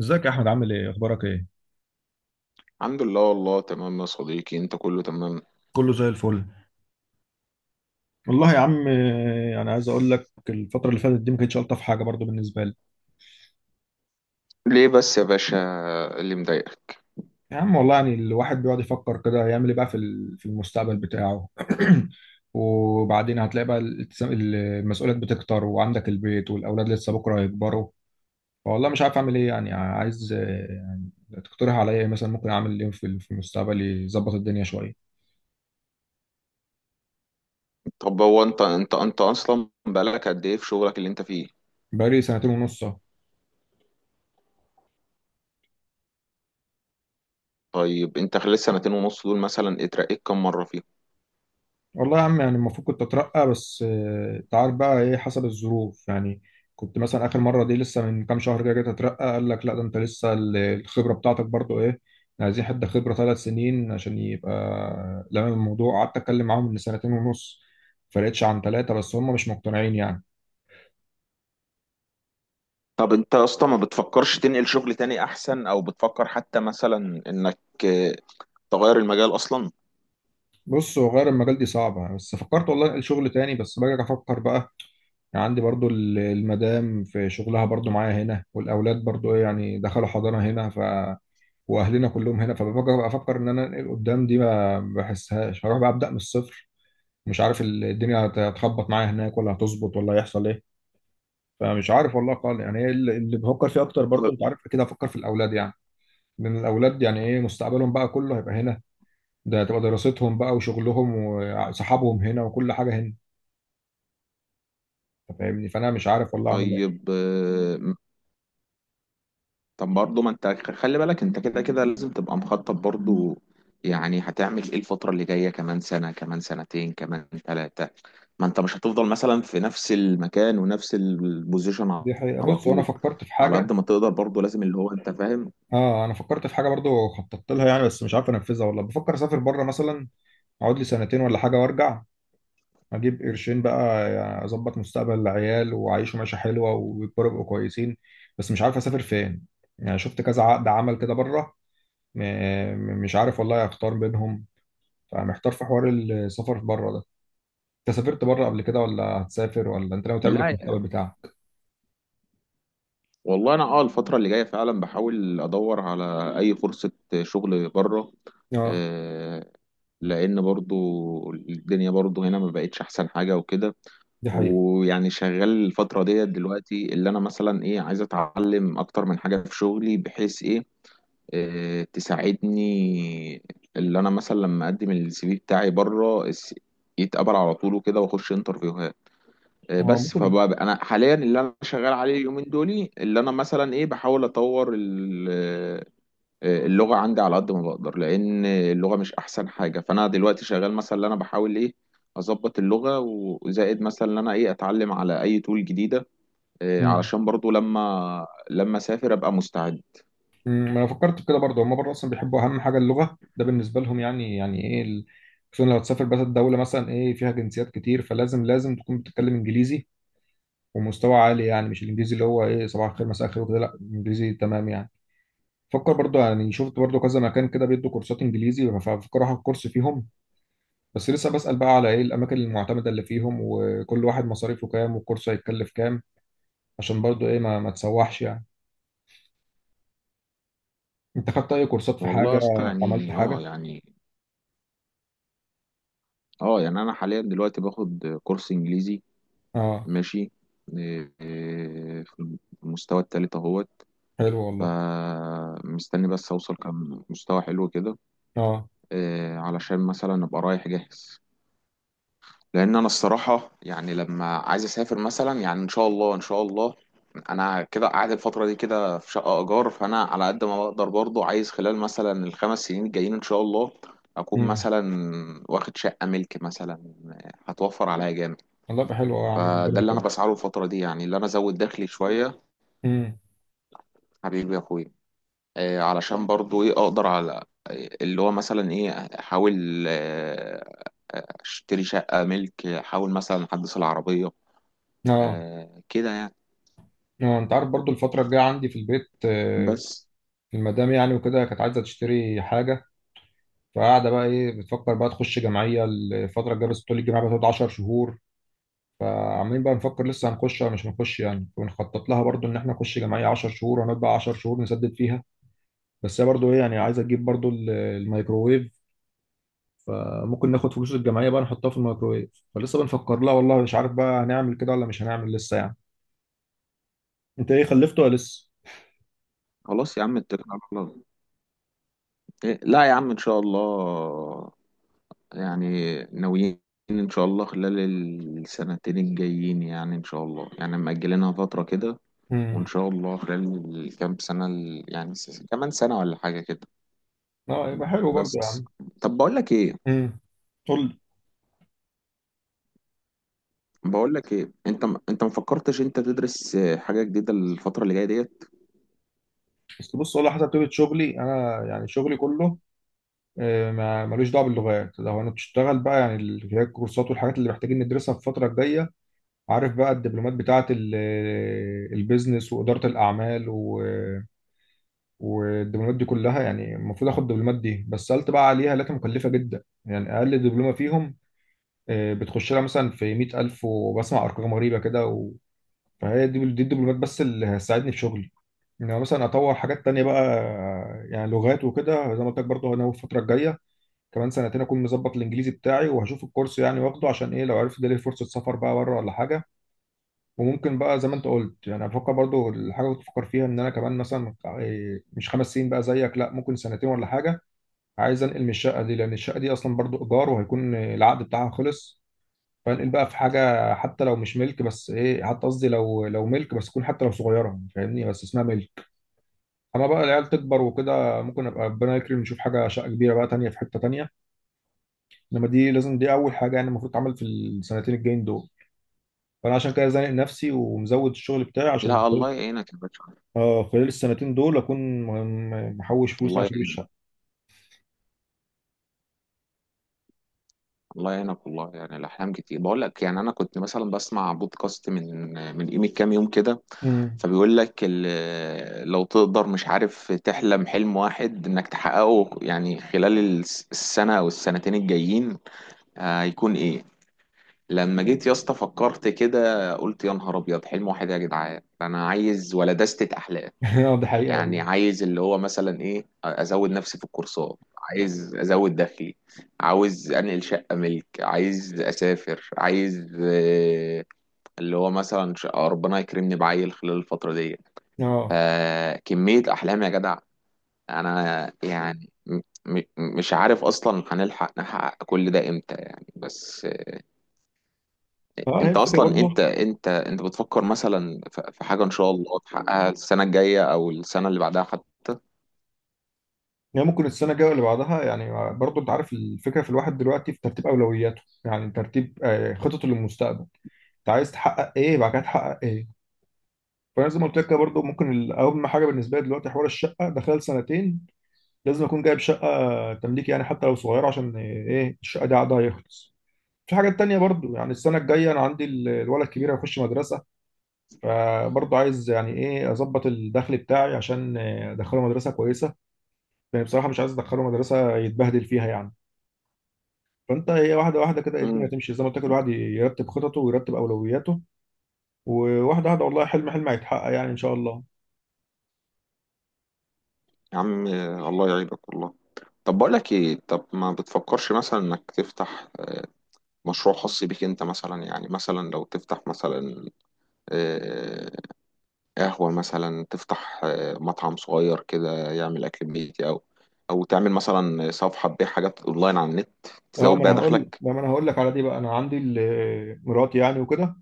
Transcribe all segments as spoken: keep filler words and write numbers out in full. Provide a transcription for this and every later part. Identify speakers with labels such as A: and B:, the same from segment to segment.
A: ازيك يا احمد؟ عامل ايه؟ اخبارك ايه؟
B: الحمد لله، والله تمام يا صديقي، انت كله تمام؟
A: كله زي الفل. والله يا عم آه، انا عايز اقول لك الفتره اللي فاتت دي ما كانتش الطف حاجه برضو بالنسبه لي.
B: ليه بس يا باشا؟ اللي مضايقك؟
A: يا عم والله يعني الواحد بيقعد يفكر كده يعمل ايه بقى في ال- في المستقبل بتاعه. وبعدين هتلاقي بقى الالتزام المسؤوليات بتكتر، وعندك البيت والاولاد لسه بكره هيكبروا. فوالله مش عارف اعمل ايه، يعني عايز آه، يعني تقترح عليا إيه؟ مثلا ممكن اعمل ايه في في المستقبل يظبط الدنيا شويه؟
B: طب هو انت انت انت اصلا بقالك قد ايه في شغلك اللي انت فيه؟
A: بقالي سنتين ونص.
B: طيب انت خلال السنتين ونص دول مثلا اترقيت كم مرة فيهم؟
A: والله يا عم يعني المفروض كنت اترقى بس آه، انت عارف بقى ايه، حسب الظروف يعني. كنت مثلا اخر مره دي لسه من كام شهر كده جيت اترقى، قال لك لا ده انت لسه ال- الخبره بتاعتك برضو ايه يعني، عايزين حد خبره ثلاث سنين عشان يبقى لمم الموضوع. قعدت اتكلم معاهم من سنتين ونص، فرقتش عن تلاتة بس هم مش مقتنعين يعني.
B: طب انت اصلا ما بتفكرش تنقل شغل تاني احسن، او بتفكر حتى مثلا انك اه، تغير المجال اصلا؟
A: بص، هو غير المجال دي صعبه، بس فكرت والله انقل شغل تاني، بس باجي افكر بقى. يعني عندي برضو ال- المدام في شغلها برضو معايا هنا، والاولاد برضو ايه يعني دخلوا حضانه هنا، واهلنا كلهم هنا. فبفكر افكر ان انا انقل قدام، دي ما بحسهاش. هروح بقى ابدا من الصفر؟ مش عارف ال- الدنيا هت- هتخبط معايا هناك ولا هتظبط، ولا هيحصل ايه. فمش عارف والله خالص يعني إيه اللي اللي بفكر فيه اكتر، برضو انت عارف كده، افكر في الاولاد يعني. لان الاولاد يعني ايه مستقبلهم بقى كله هيبقى هنا، ده هتبقى دراستهم بقى وشغلهم وصحابهم هنا وكل حاجه هنا. أنت فاهمني، فانا مش عارف والله اعمل ايه.
B: طيب آه، طب برضه، ما انت خلي بالك، انت كده كده لازم تبقى مخطط برضه. يعني هتعمل ايه الفترة اللي جاية؟ كمان سنة، كمان سنتين، كمان ثلاثة. ما انت مش هتفضل مثلا في نفس المكان ونفس البوزيشن.
A: دي حقيقة،
B: على
A: بص وانا
B: طول،
A: فكرت في
B: على قد
A: حاجه.
B: ما تقدر برضه لازم، اللي هو انت فاهم.
A: اه انا فكرت في حاجه برضو خططت لها يعني، بس مش عارف انفذها والله. بفكر اسافر بره مثلا، اقعد لي سنتين ولا حاجه وارجع، اجيب قرشين بقى يعني، اظبط مستقبل العيال وعيشوا معيشه حلوه ويكبروا يبقوا كويسين. بس مش عارف اسافر فين. يعني شفت كذا عقد عمل كده بره، م- م- مش عارف والله اختار بينهم. فمحتار في حوار السفر بره ده. انت سافرت بره قبل كده، ولا هتسافر، ولا انت ناوي تعمل ايه
B: لا
A: في المستقبل
B: يا-
A: بتاعك؟
B: والله انا اه الفترة اللي جاية فعلا بحاول ادور على اي فرصة شغل بره.
A: اه
B: آه، لان برضه الدنيا برضه هنا ما بقتش احسن حاجة وكده.
A: دي حقيقه.
B: ويعني شغال الفترة ديت دلوقتي، اللي أنا مثلا إيه عايز أتعلم أكتر من حاجة في شغلي، بحيث إيه آه، تساعدني. اللي أنا مثلا لما أقدم السي في بتاعي بره الس- يتقبل على طول وكده، وأخش انترفيوهات. آه،
A: اه
B: بس
A: ممكن.
B: فبقى أنا حاليا اللي أنا شغال عليه اليومين دول، اللي أنا مثلا إيه بحاول أطور آه، اللغة عندي على قد ما بقدر، لأن اللغة مش أحسن حاجة. فأنا دلوقتي شغال مثلا، اللي أنا بحاول إيه أظبط اللغة. وزائد مثلا إن أنا إيه أتعلم على أي تول جديدة، إيه،
A: امم.
B: علشان برضو لما لما أسافر أبقى مستعد.
A: أمم، انا فكرت في كده برضه. هم بره اصلا بيحبوا اهم حاجه اللغه ده بالنسبه لهم يعني، يعني ايه ال- خصوصا لو هتسافر. بس الدوله مثلا ايه فيها جنسيات كتير، فلازم لازم تكون بتتكلم انجليزي ومستوى عالي يعني. مش الانجليزي اللي هو ايه صباح الخير مساء الخير وكده، لا انجليزي تمام يعني. فكر برضو يعني شفت برضو كذا مكان كده بيدوا كورسات انجليزي، ففكر اخد كورس فيهم. بس لسه بسأل بقى على ايه الاماكن المعتمدة اللي فيهم، وكل واحد مصاريفه كام، والكورس هيتكلف كام، عشان برضو ايه ما, ما تسوحش يعني. انت خدت اي كورسات في
B: والله يا
A: حاجة؟
B: اسطى،
A: عملت
B: يعني. أه
A: حاجة؟
B: يعني أه يعني أنا حاليا دلوقتي باخد كورس إنجليزي.
A: اه
B: ماشي. إيه، إيه، في المستوى التالت أهوت.
A: حلو والله.
B: فمستني بس أوصل كم مستوى حلو كده.
A: اه.
B: إيه، علشان مثلا أبقى رايح جاهز. لان انا الصراحه يعني لما عايز اسافر مثلا، يعني ان شاء الله ان شاء الله. انا كده قاعد الفتره دي كده في شقه ايجار، فانا على قد ما بقدر برضو عايز خلال مثلا الخمس سنين الجايين ان شاء الله اكون
A: امم.
B: مثلا واخد شقه ملك مثلا، هتوفر عليا جامد.
A: والله يبقى حلو أوي يا عم،
B: فده
A: ربنا
B: اللي انا
A: يكرمك.
B: بسعى له الفتره دي، يعني اللي انا ازود دخلي شويه،
A: امم.
B: حبيبي يا اخويا. آه، علشان برضو ايه اقدر على اللي هو مثلا ايه احاول آه، اشتري شقه ملك، احاول مثلا احدث العربيه.
A: اه.
B: آه كده يعني.
A: اه انت عارف برضو الفترة الجاية عندي في البيت آه،
B: بس.
A: المدام يعني وكده كانت عايزة تشتري حاجة. فقاعده بقى ايه بتفكر بقى تخش جمعيه الفتره الجايه، بس طول الجامعه بتقعد 10 شهور. فعمالين بقى نفكر لسه هنخش ولا مش هنخش يعني، وبنخطط لها برضو ان احنا نخش جمعيه 10 شهور وهنقعد بقى 10 شهور نسدد فيها. بس هي برضو ايه يعني عايزه تجيب برضو ال- الميكروويف، فممكن ناخد فلوس الجمعيه بقى نحطها في الميكروويف. فلسه بنفكر لها والله، مش عارف بقى هنعمل كده ولا مش هنعمل لسه يعني. انت ايه خلفت ولا لسه؟
B: خلاص يا عم، اتكل على الله. إيه، لا يا عم، ان شاء الله. يعني ناويين ان شاء الله خلال السنتين الجايين، يعني ان شاء الله، يعني مأجلينها فترة كده. وان
A: امم.
B: شاء الله خلال الكام سنة ال- يعني س- كمان سنة ولا حاجة كده.
A: اه يبقى حلو برضو يا
B: بس.
A: عم.
B: طب بقول لك ايه.
A: امم. قول لي.
B: بقول لك ايه انت م- انت ما فكرتش انت تدرس آه، حاجة جديدة الفترة اللي جاية ديت؟
A: بس بص والله حسب طبيعه شغلي انا، يعني شغلي كله آه، ما- ملوش دعوه باللغات. لو هنشتغل بقى يعني ال- هي الكورسات والحاجات اللي محتاجين ندرسها في الفتره الجايه، عارف بقى الدبلومات بتاعه ال- البيزنس واداره الاعمال و- والدبلومات دي كلها يعني. المفروض اخد الدبلومات دي، بس سالت بقى عليها لقيتها مكلفه جدا يعني. اقل دبلومه فيهم آه، بتخش لها مثلا في مائة ألف، وبسمع ارقام غريبه كده و... فهي دي دي الدبلومات بس اللي هتساعدني في شغلي. انما مثلا اطور حاجات تانية بقى آه، يعني لغات وكده. زي ما قلت لك برضه هناوي الفتره الجايه كمان سنتين اكون مظبط الانجليزي بتاعي، وهشوف الكورس يعني واخده عشان ايه، لو عرفت ده ليه فرصه سفر بقى بره ولا حاجه. وممكن بقى زي ما انت قلت يعني بفكر برضو الحاجه اللي كنت بفكر فيها ان انا كمان مثلا إيه، مش خمس سنين بقى زيك، لا ممكن سنتين ولا حاجه. عايز انقل من الشقه دي، لان الشقه دي اصلا برضو ايجار وهيكون العقد بتاعها خلص. فانقل بقى في حاجه حتى لو مش ملك، بس ايه حتى قصدي لو لو ملك، بس تكون حتى لو صغيره فاهمني، بس اسمها ملك. اما بقى العيال تكبر وكده ممكن ابقى ربنا يكرم نشوف حاجه شقه كبيره بقى تانيه في حته تانيه. انما دي لازم دي اول حاجه يعني المفروض تعمل في السنتين الجايين دول. فانا عشان كده زانق نفسي ومزود الشغل بتاعي عشان
B: لا
A: خلال-
B: الله يعينك يا باشا.
A: اه خلال السنتين دول اكون م- م- محوش فلوس عشان
B: الله.
A: اجيب الشقه.
B: الله يعينك، والله يعني الاحلام كتير. بقول لك يعني انا كنت مثلا بسمع بودكاست من من قيمه كام يوم كده.
A: امم.
B: فبيقول لك ال- لو تقدر، مش عارف، تحلم حلم واحد انك تحققه يعني خلال الس- السنه او السنتين الجايين آه، هيكون ايه. لما جيت يا اسطى فكرت كده، قلت يا نهار ابيض، حلم واحد إيه يا جدعان؟ انا عايز ولا دستة احلام.
A: اه دي حقيقه
B: يعني
A: والله.
B: عايز اللي هو مثلا ايه ازود نفسي في الكورسات، عايز ازود دخلي، عاوز انقل شقة ملك، عايز اسافر، عايز آه، اللي هو مثلا ش- ربنا يكرمني بعيل خلال الفترة دي.
A: اه.
B: فكمية احلام يا جدع. انا يعني م- م- مش عارف اصلا هنلحق نحقق كل ده امتى يعني. بس
A: فهي
B: انت
A: الفكره
B: اصلا
A: برضه،
B: انت انت انت بتفكر مثلا في في حاجة ان شاء الله تحققها السنة الجاية او السنة اللي بعدها حتى؟
A: يعني ممكن السنه الجايه اللي بعدها يعني. برضه انت عارف الفكره في الواحد دلوقتي في ترتيب اولوياته، يعني ترتيب آه، خططه للمستقبل. انت عايز تحقق ايه بعد كده تحقق ايه. فانا زي ما قلت لك كده برضه ممكن ال- اهم حاجه بالنسبه لي دلوقتي حوار الشقه ده، خلال سنتين لازم اكون جايب شقه تمليك يعني حتى لو صغيره، عشان ايه الشقه دي عقدها يخلص. في حاجات تانية برضو يعني السنة الجاية أنا عندي ال- الولد الكبير هيخش مدرسة، فبرضو عايز يعني إيه أظبط الدخل بتاعي عشان أدخله مدرسة كويسة، لأن بصراحة مش عايز أدخله مدرسة يتبهدل فيها يعني. فأنت هي واحدة واحدة كده الدنيا هتمشي، زي ما قلت لك الواحد يرتب خططه ويرتب أولوياته، وواحدة واحدة والله حلم حلم هيتحقق يعني إن شاء الله.
B: يا عم الله يعيبك والله. طب بقول لك ايه، طب ما بتفكرش مثلا انك تفتح مشروع خاص بيك انت مثلا؟ يعني مثلا لو تفتح مثلا آه، قهوة، مثلا تفتح آه، مطعم صغير كده يعمل اكل بيتي، او او تعمل مثلا صفحة تبيع حاجات اونلاين على النت،
A: اه، ما
B: تزود بيها
A: انا هقول
B: دخلك.
A: ما انا هقول لك على دي بقى. انا عندي ال- مراتي يعني وكده،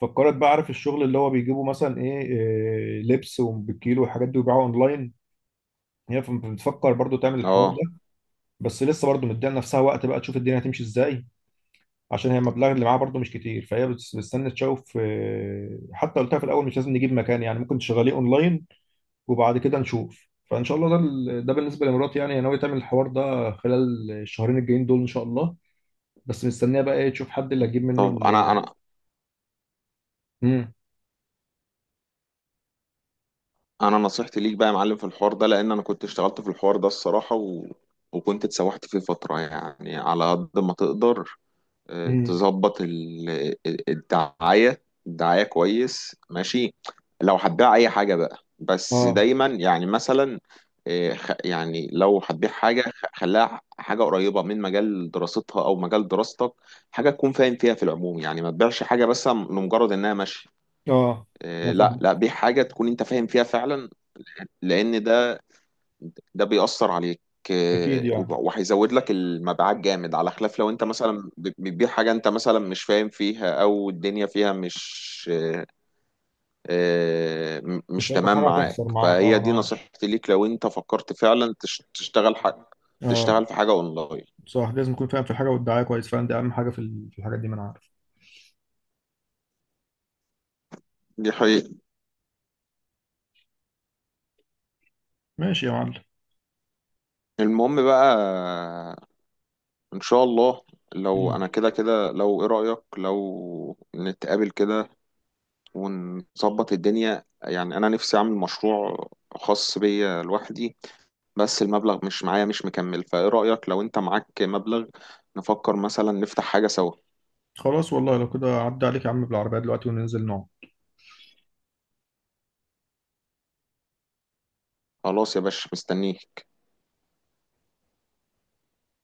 A: فكرت بقى عارف الشغل اللي هو بيجيبه مثلا ايه إيه، لبس وبالكيلو والحاجات دي ويبيعوها اونلاين. هي ف- بتفكر برضو تعمل الحوار
B: اه.
A: ده، بس لسه برضو مديها لنفسها وقت بقى تشوف الدنيا هتمشي ازاي، عشان هي المبلغ اللي معاها برضو مش كتير. فهي بتس- بتستنى تشوف آه، حتى قلتها في الاول مش لازم نجيب مكان يعني، ممكن تشغليه اونلاين وبعد كده نشوف. فان شاء الله ده ال- ده بالنسبه لمراتي يعني، هي ناويه تعمل الحوار ده خلال الشهرين الجايين دول ان شاء الله، بس مستنيه بقى ايه تشوف حد اللي هتجيب منه
B: طب انا،
A: ال.
B: انا
A: امم.
B: انا نصيحتي ليك بقى يا معلم في الحوار ده، لان انا كنت اشتغلت في الحوار ده الصراحة، و... وكنت اتسوحت فيه فترة. يعني على قد ما تقدر آه،
A: امم.
B: تظبط ال- الدعاية. الدعاية كويس، ماشي. لو هتبيع أي حاجة بقى، بس
A: اه.
B: دايما يعني مثلا آه، خ- يعني لو هتبيع حاجة، خ- خليها حاجة قريبة من مجال دراستها أو مجال دراستك. حاجة تكون فاهم فيها في العموم، يعني ما تبيعش حاجة بس لمجرد إنها ماشية.
A: اه
B: آه،
A: ما
B: لا
A: فاهم.
B: لا، بيع حاجة تكون أنت فاهم فيها فعلا. لأن ده، ده بيأثر عليك
A: اكيد
B: آه، وب-
A: يعني،
B: وهيزود لك المبيعات جامد، على خلاف لو انت مثلا ب- بتبيع حاجة انت مثلا مش فاهم فيها، او الدنيا فيها مش آه، آه، م-
A: مش
B: مش
A: ألطف
B: تمام
A: حاجة
B: معاك.
A: هتخسر معاك، أه
B: فهي
A: أنا
B: دي
A: عارف.
B: نصيحتي ليك لو انت فكرت فعلا تش- تشتغل حاجة،
A: أه
B: تشتغل في حاجة اونلاين.
A: صح، لازم يكون فاهم في الحاجة والدعاية كويس، فاهم دي أهم حاجة في ال- في الحاجات دي، ما أنا عارف.
B: دي حقيقة.
A: ماشي يا معلم.
B: المهم بقى، ان شاء الله لو
A: مم.
B: انا كده كده، لو ايه رأيك لو نتقابل كده ونظبط الدنيا؟ يعني انا نفسي اعمل مشروع خاص بيا لوحدي، بس المبلغ مش معايا، مش مكمل، فايه رأيك لو انت معاك مبلغ نفكر مثلا نفتح حاجة سوا؟
A: خلاص والله، لو كده عدى عليك يا عم بالعربية دلوقتي وننزل نقعد.
B: خلاص يا باشا، مستنيك.